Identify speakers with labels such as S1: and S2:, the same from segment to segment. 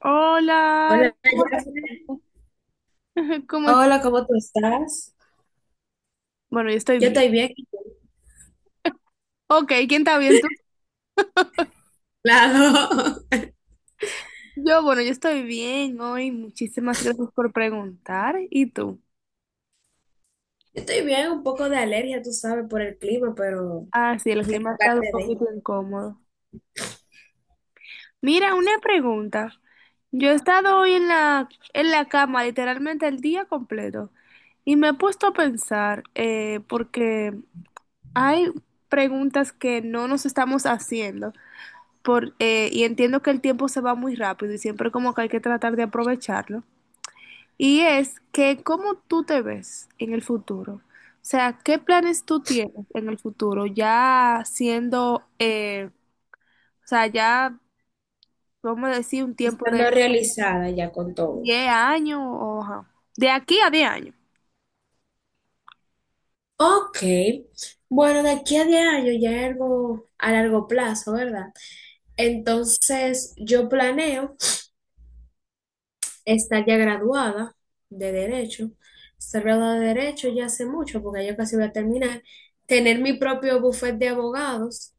S1: Hola, Ara,
S2: Hola,
S1: ¿cómo
S2: Jafre.
S1: te- ¿Cómo es?
S2: Hola, ¿cómo tú estás?
S1: Bueno, yo estoy
S2: Yo
S1: bien.
S2: estoy bien,
S1: Ok, ¿quién está bien? ¿Tú?
S2: claro.
S1: Yo, bueno, yo estoy bien hoy. Muchísimas gracias por preguntar. ¿Y tú?
S2: Yo estoy bien, un poco de alergia, tú sabes, por el clima, pero
S1: Ah, sí, el
S2: es
S1: clima ha estado un
S2: parte de.
S1: poquito incómodo. Mira, una pregunta. Yo he estado hoy en en la cama literalmente el día completo y me he puesto a pensar porque hay preguntas que no nos estamos haciendo, y entiendo que el tiempo se va muy rápido y siempre como que hay que tratar de aprovecharlo, y es que cómo tú te ves en el futuro. O sea, ¿qué planes tú tienes en el futuro? Ya siendo, ya, vamos a decir, un tiempo
S2: Estando
S1: de
S2: realizada ya con todo.
S1: 10 años o ajá, de aquí a 10 años.
S2: Ok, bueno, de aquí a 10 años ya es algo a largo plazo, ¿verdad? Entonces, yo planeo estar ya graduada de Derecho, estar graduada de Derecho ya hace mucho, porque ya casi voy a terminar, tener mi propio bufete de abogados.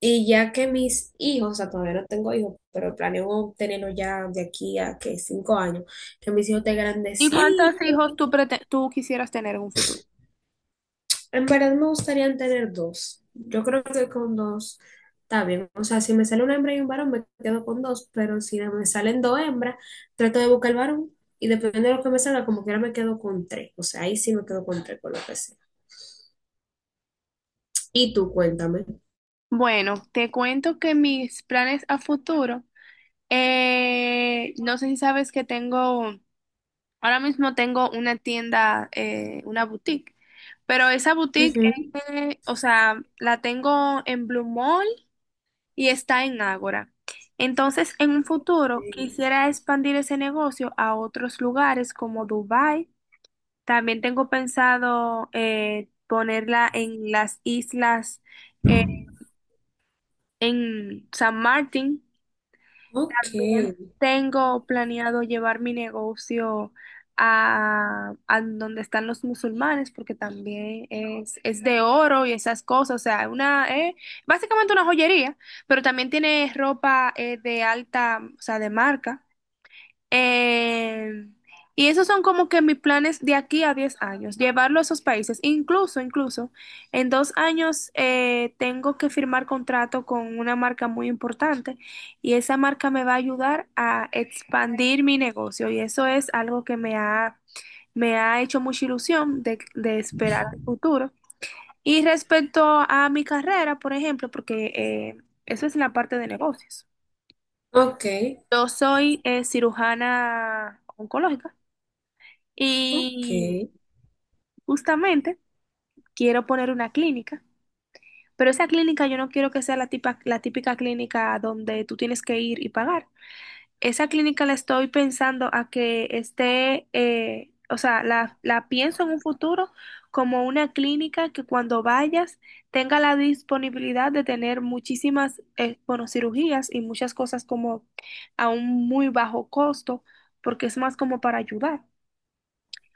S2: Y ya que mis hijos, o sea, todavía no tengo hijos, pero planeo tenerlo ya de aquí a que 5 años, que mis hijos estén
S1: ¿Y cuántos
S2: grandecitos.
S1: hijos tú, tú quisieras tener en un futuro?
S2: En verdad me gustaría tener dos. Yo creo que con dos está bien. O sea, si me sale una hembra y un varón, me quedo con dos, pero si me salen dos hembras, trato de buscar el varón y dependiendo de lo que me salga, como quiera me quedo con tres. O sea, ahí sí me quedo con tres, con lo que sea. Y tú, cuéntame.
S1: Bueno, te cuento que mis planes a futuro, no sé si sabes que tengo. Ahora mismo tengo una tienda, una boutique, pero esa boutique,
S2: Ujú.
S1: o sea, la tengo en Blue Mall y está en Ágora. Entonces, en un futuro
S2: Sí.
S1: quisiera expandir ese negocio a otros lugares como Dubái. También tengo pensado ponerla en las islas, eh, en San Martín.
S2: Ok,
S1: También tengo planeado llevar mi negocio a donde están los musulmanes, porque también es de oro y esas cosas. O sea, una, básicamente una joyería, pero también tiene ropa de alta, o sea, de marca. Eh, y esos son como que mis planes de aquí a 10 años, llevarlo a esos países. Incluso, en 2 años tengo que firmar contrato con una marca muy importante y esa marca me va a ayudar a expandir mi negocio y eso es algo que me ha hecho mucha ilusión de esperar el futuro. Y respecto a mi carrera, por ejemplo, porque eso es la parte de negocios.
S2: ok,
S1: Yo soy cirujana oncológica.
S2: ok.
S1: Y justamente quiero poner una clínica, pero esa clínica yo no quiero que sea la la típica clínica donde tú tienes que ir y pagar. Esa clínica la estoy pensando a que esté, la pienso en un futuro como una clínica que cuando vayas tenga la disponibilidad de tener muchísimas, bueno, cirugías y muchas cosas como a un muy bajo costo, porque es más como para ayudar,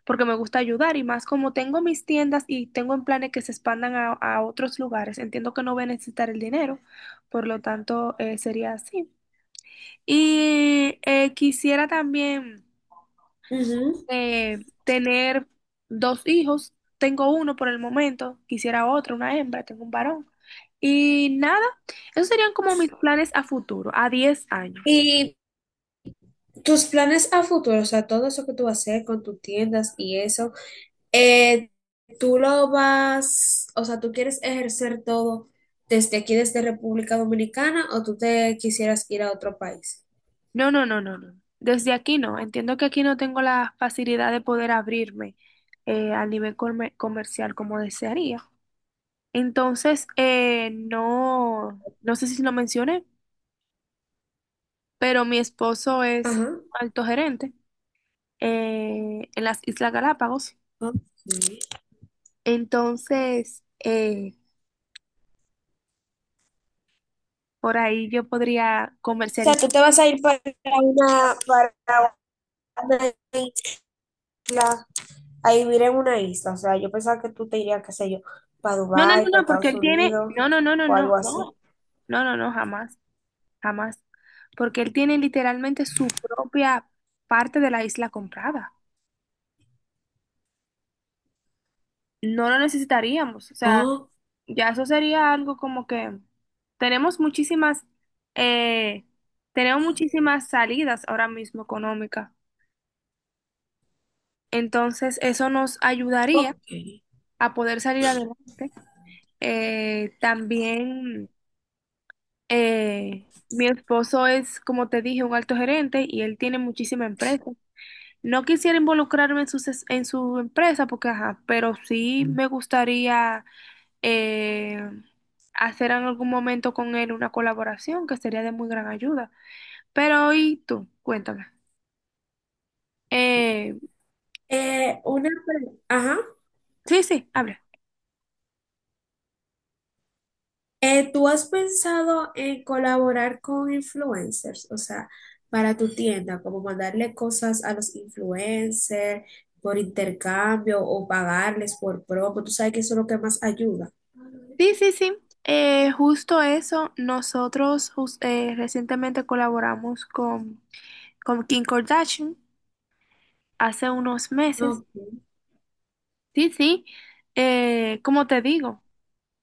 S1: porque me gusta ayudar y más como tengo mis tiendas y tengo en planes que se expandan a otros lugares, entiendo que no voy a necesitar el dinero, por lo tanto sería así. Y quisiera también
S2: Ujú.
S1: tener 2 hijos, tengo uno por el momento, quisiera otro, una hembra, tengo un varón. Y nada, esos serían como mis planes a futuro, a 10 años.
S2: Y tus planes a futuro, o sea, todo eso que tú vas a hacer con tus tiendas y eso, eh, tú lo vas, o sea, tú quieres ejercer todo desde aquí, desde República Dominicana, o tú te quisieras ir a otro país.
S1: No, no, no, no, no. Desde aquí no. Entiendo que aquí no tengo la facilidad de poder abrirme al nivel comercial como desearía. Entonces, no, no sé si lo mencioné, pero mi esposo es
S2: Ajá.
S1: alto gerente en las Islas Galápagos.
S2: Ok.
S1: Entonces, por ahí yo podría
S2: O sea,
S1: comercializar.
S2: tú te vas a ir para una isla, a vivir en una isla. O sea, yo pensaba que tú te irías, qué sé yo, para
S1: No, no, no,
S2: Dubái, para
S1: no, porque
S2: Estados
S1: él tiene.
S2: Unidos
S1: No, no, no, no,
S2: o
S1: no,
S2: algo así.
S1: no. No, no, no, jamás, jamás, porque él tiene literalmente su propia parte de la isla comprada. No lo necesitaríamos, o sea,
S2: Oh,
S1: ya eso sería algo como que tenemos muchísimas, eh, tenemos muchísimas salidas ahora mismo económicas. Entonces, eso nos ayudaría
S2: ok.
S1: a poder salir adelante. Eh, también, mi esposo es, como te dije, un alto gerente y él tiene muchísima empresa. No quisiera involucrarme en su empresa porque, ajá, pero sí me gustaría eh, hacer en algún momento con él una colaboración que sería de muy gran ayuda. Pero, ¿y tú? Cuéntame. Eh,
S2: Ajá.
S1: sí, sí, habla.
S2: ¿Tú has pensado en colaborar con influencers? O sea, para tu tienda, como mandarle cosas a los influencers por intercambio o pagarles por promo. Tú sabes que eso es lo que más ayuda.
S1: Sí, sí, sí. Justo eso, recientemente colaboramos con Kim Kardashian hace unos meses.
S2: Ok,
S1: Sí, sí. Como te digo.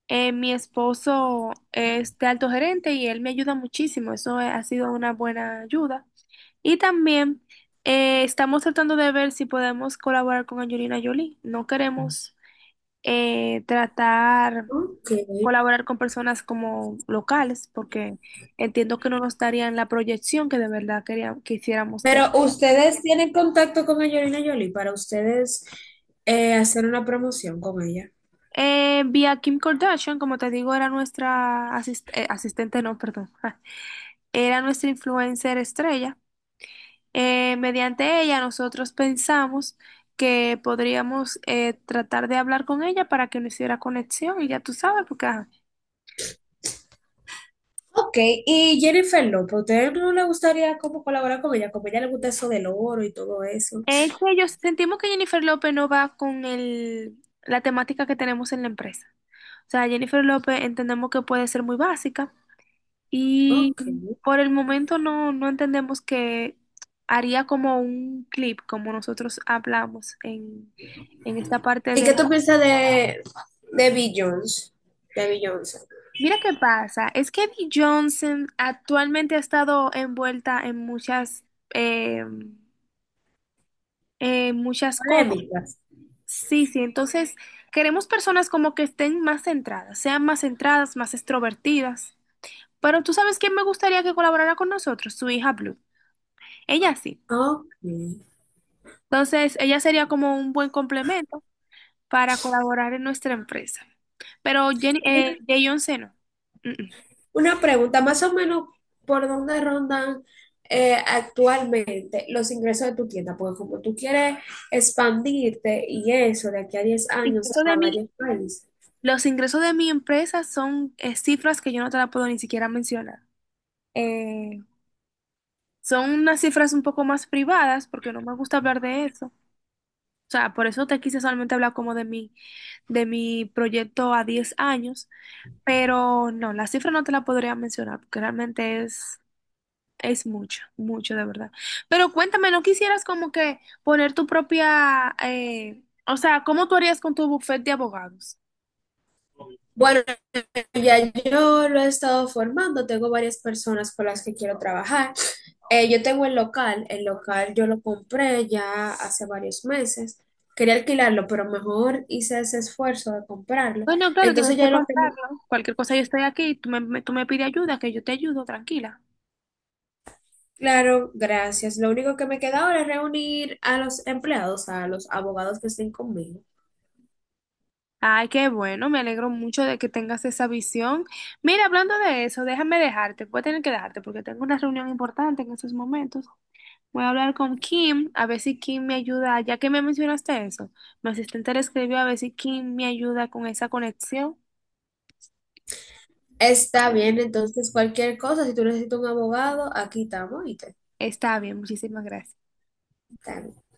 S1: Mi esposo es de alto gerente y él me ayuda muchísimo, eso ha sido una buena ayuda. Y también estamos tratando de ver si podemos colaborar con Angelina Jolie. No queremos tratar
S2: ok.
S1: colaborar con personas como locales porque entiendo que no nos darían la proyección que de verdad quisiéramos tener.
S2: Pero ustedes tienen contacto con Angelina Jolie para ustedes hacer una promoción con ella.
S1: Vi a Kim Kardashian, como te digo, era nuestra asistente, no, perdón, era nuestra influencer estrella. Mediante ella nosotros pensamos que podríamos tratar de hablar con ella para que no hiciera conexión y ya tú sabes, porque ajá.
S2: Ok, ¿y Jennifer López, a ustedes no le gustaría como colaborar con ella? Como a ella le gusta eso del oro y todo eso.
S1: Es que yo sentimos que Jennifer López no va con la temática que tenemos en la empresa. O sea, Jennifer López entendemos que puede ser muy básica y
S2: Ok.
S1: por el momento no, no entendemos que haría como un clip, como nosotros hablamos en esta parte
S2: ¿Y
S1: de
S2: qué
S1: la.
S2: tú piensas de Beyoncé? De Beyoncé.
S1: Mira qué pasa, es que Bee Johnson actualmente ha estado envuelta en muchas, eh, en muchas cosas.
S2: Polémicas.
S1: Sí, sí, entonces queremos personas como que estén más centradas, sean más centradas, más extrovertidas. Pero tú sabes quién me gustaría que colaborara con nosotros, su hija Blue. Ella sí.
S2: Ok.
S1: Entonces, ella sería como un buen complemento para colaborar en nuestra empresa. Pero Jenny, Beyoncé no. Mm, mm.
S2: Una pregunta, más o menos, ¿por dónde rondan actualmente los ingresos de tu tienda? Porque como tú quieres expandirte y eso de aquí a 10
S1: En
S2: años
S1: caso de
S2: a
S1: mí,
S2: varios países.
S1: los ingresos de mi empresa son cifras que yo no te la puedo ni siquiera mencionar. Eh, son unas cifras un poco más privadas porque no me gusta hablar de eso. O sea, por eso te quise solamente hablar como de mi proyecto a 10 años, pero no, la cifra no te la podría mencionar porque realmente es mucho, mucho de verdad. Pero cuéntame, ¿no quisieras como que poner tu propia, o sea, ¿cómo tú harías con tu bufete de abogados?
S2: Bueno, ya yo lo he estado formando, tengo varias personas con las que quiero trabajar. Yo tengo el local yo lo compré ya hace varios meses. Quería alquilarlo, pero mejor hice ese esfuerzo de comprarlo.
S1: Bueno, claro, tienes
S2: Entonces
S1: que
S2: ya lo que, me-
S1: contarlo. Cualquier cosa, yo estoy aquí, tú me pides ayuda, que yo te ayudo, tranquila.
S2: claro, gracias. Lo único que me queda ahora es reunir a los empleados, a los abogados que estén conmigo.
S1: Ay, qué bueno, me alegro mucho de que tengas esa visión. Mira, hablando de eso, déjame dejarte, voy a tener que dejarte porque tengo una reunión importante en estos momentos. Voy a hablar con Kim, a ver si Kim me ayuda, ya que me mencionaste eso. Mi asistente le escribió a ver si Kim me ayuda con esa conexión.
S2: Está bien, entonces cualquier cosa, si tú necesitas un abogado, aquí estamos y
S1: Está bien, muchísimas gracias.
S2: te-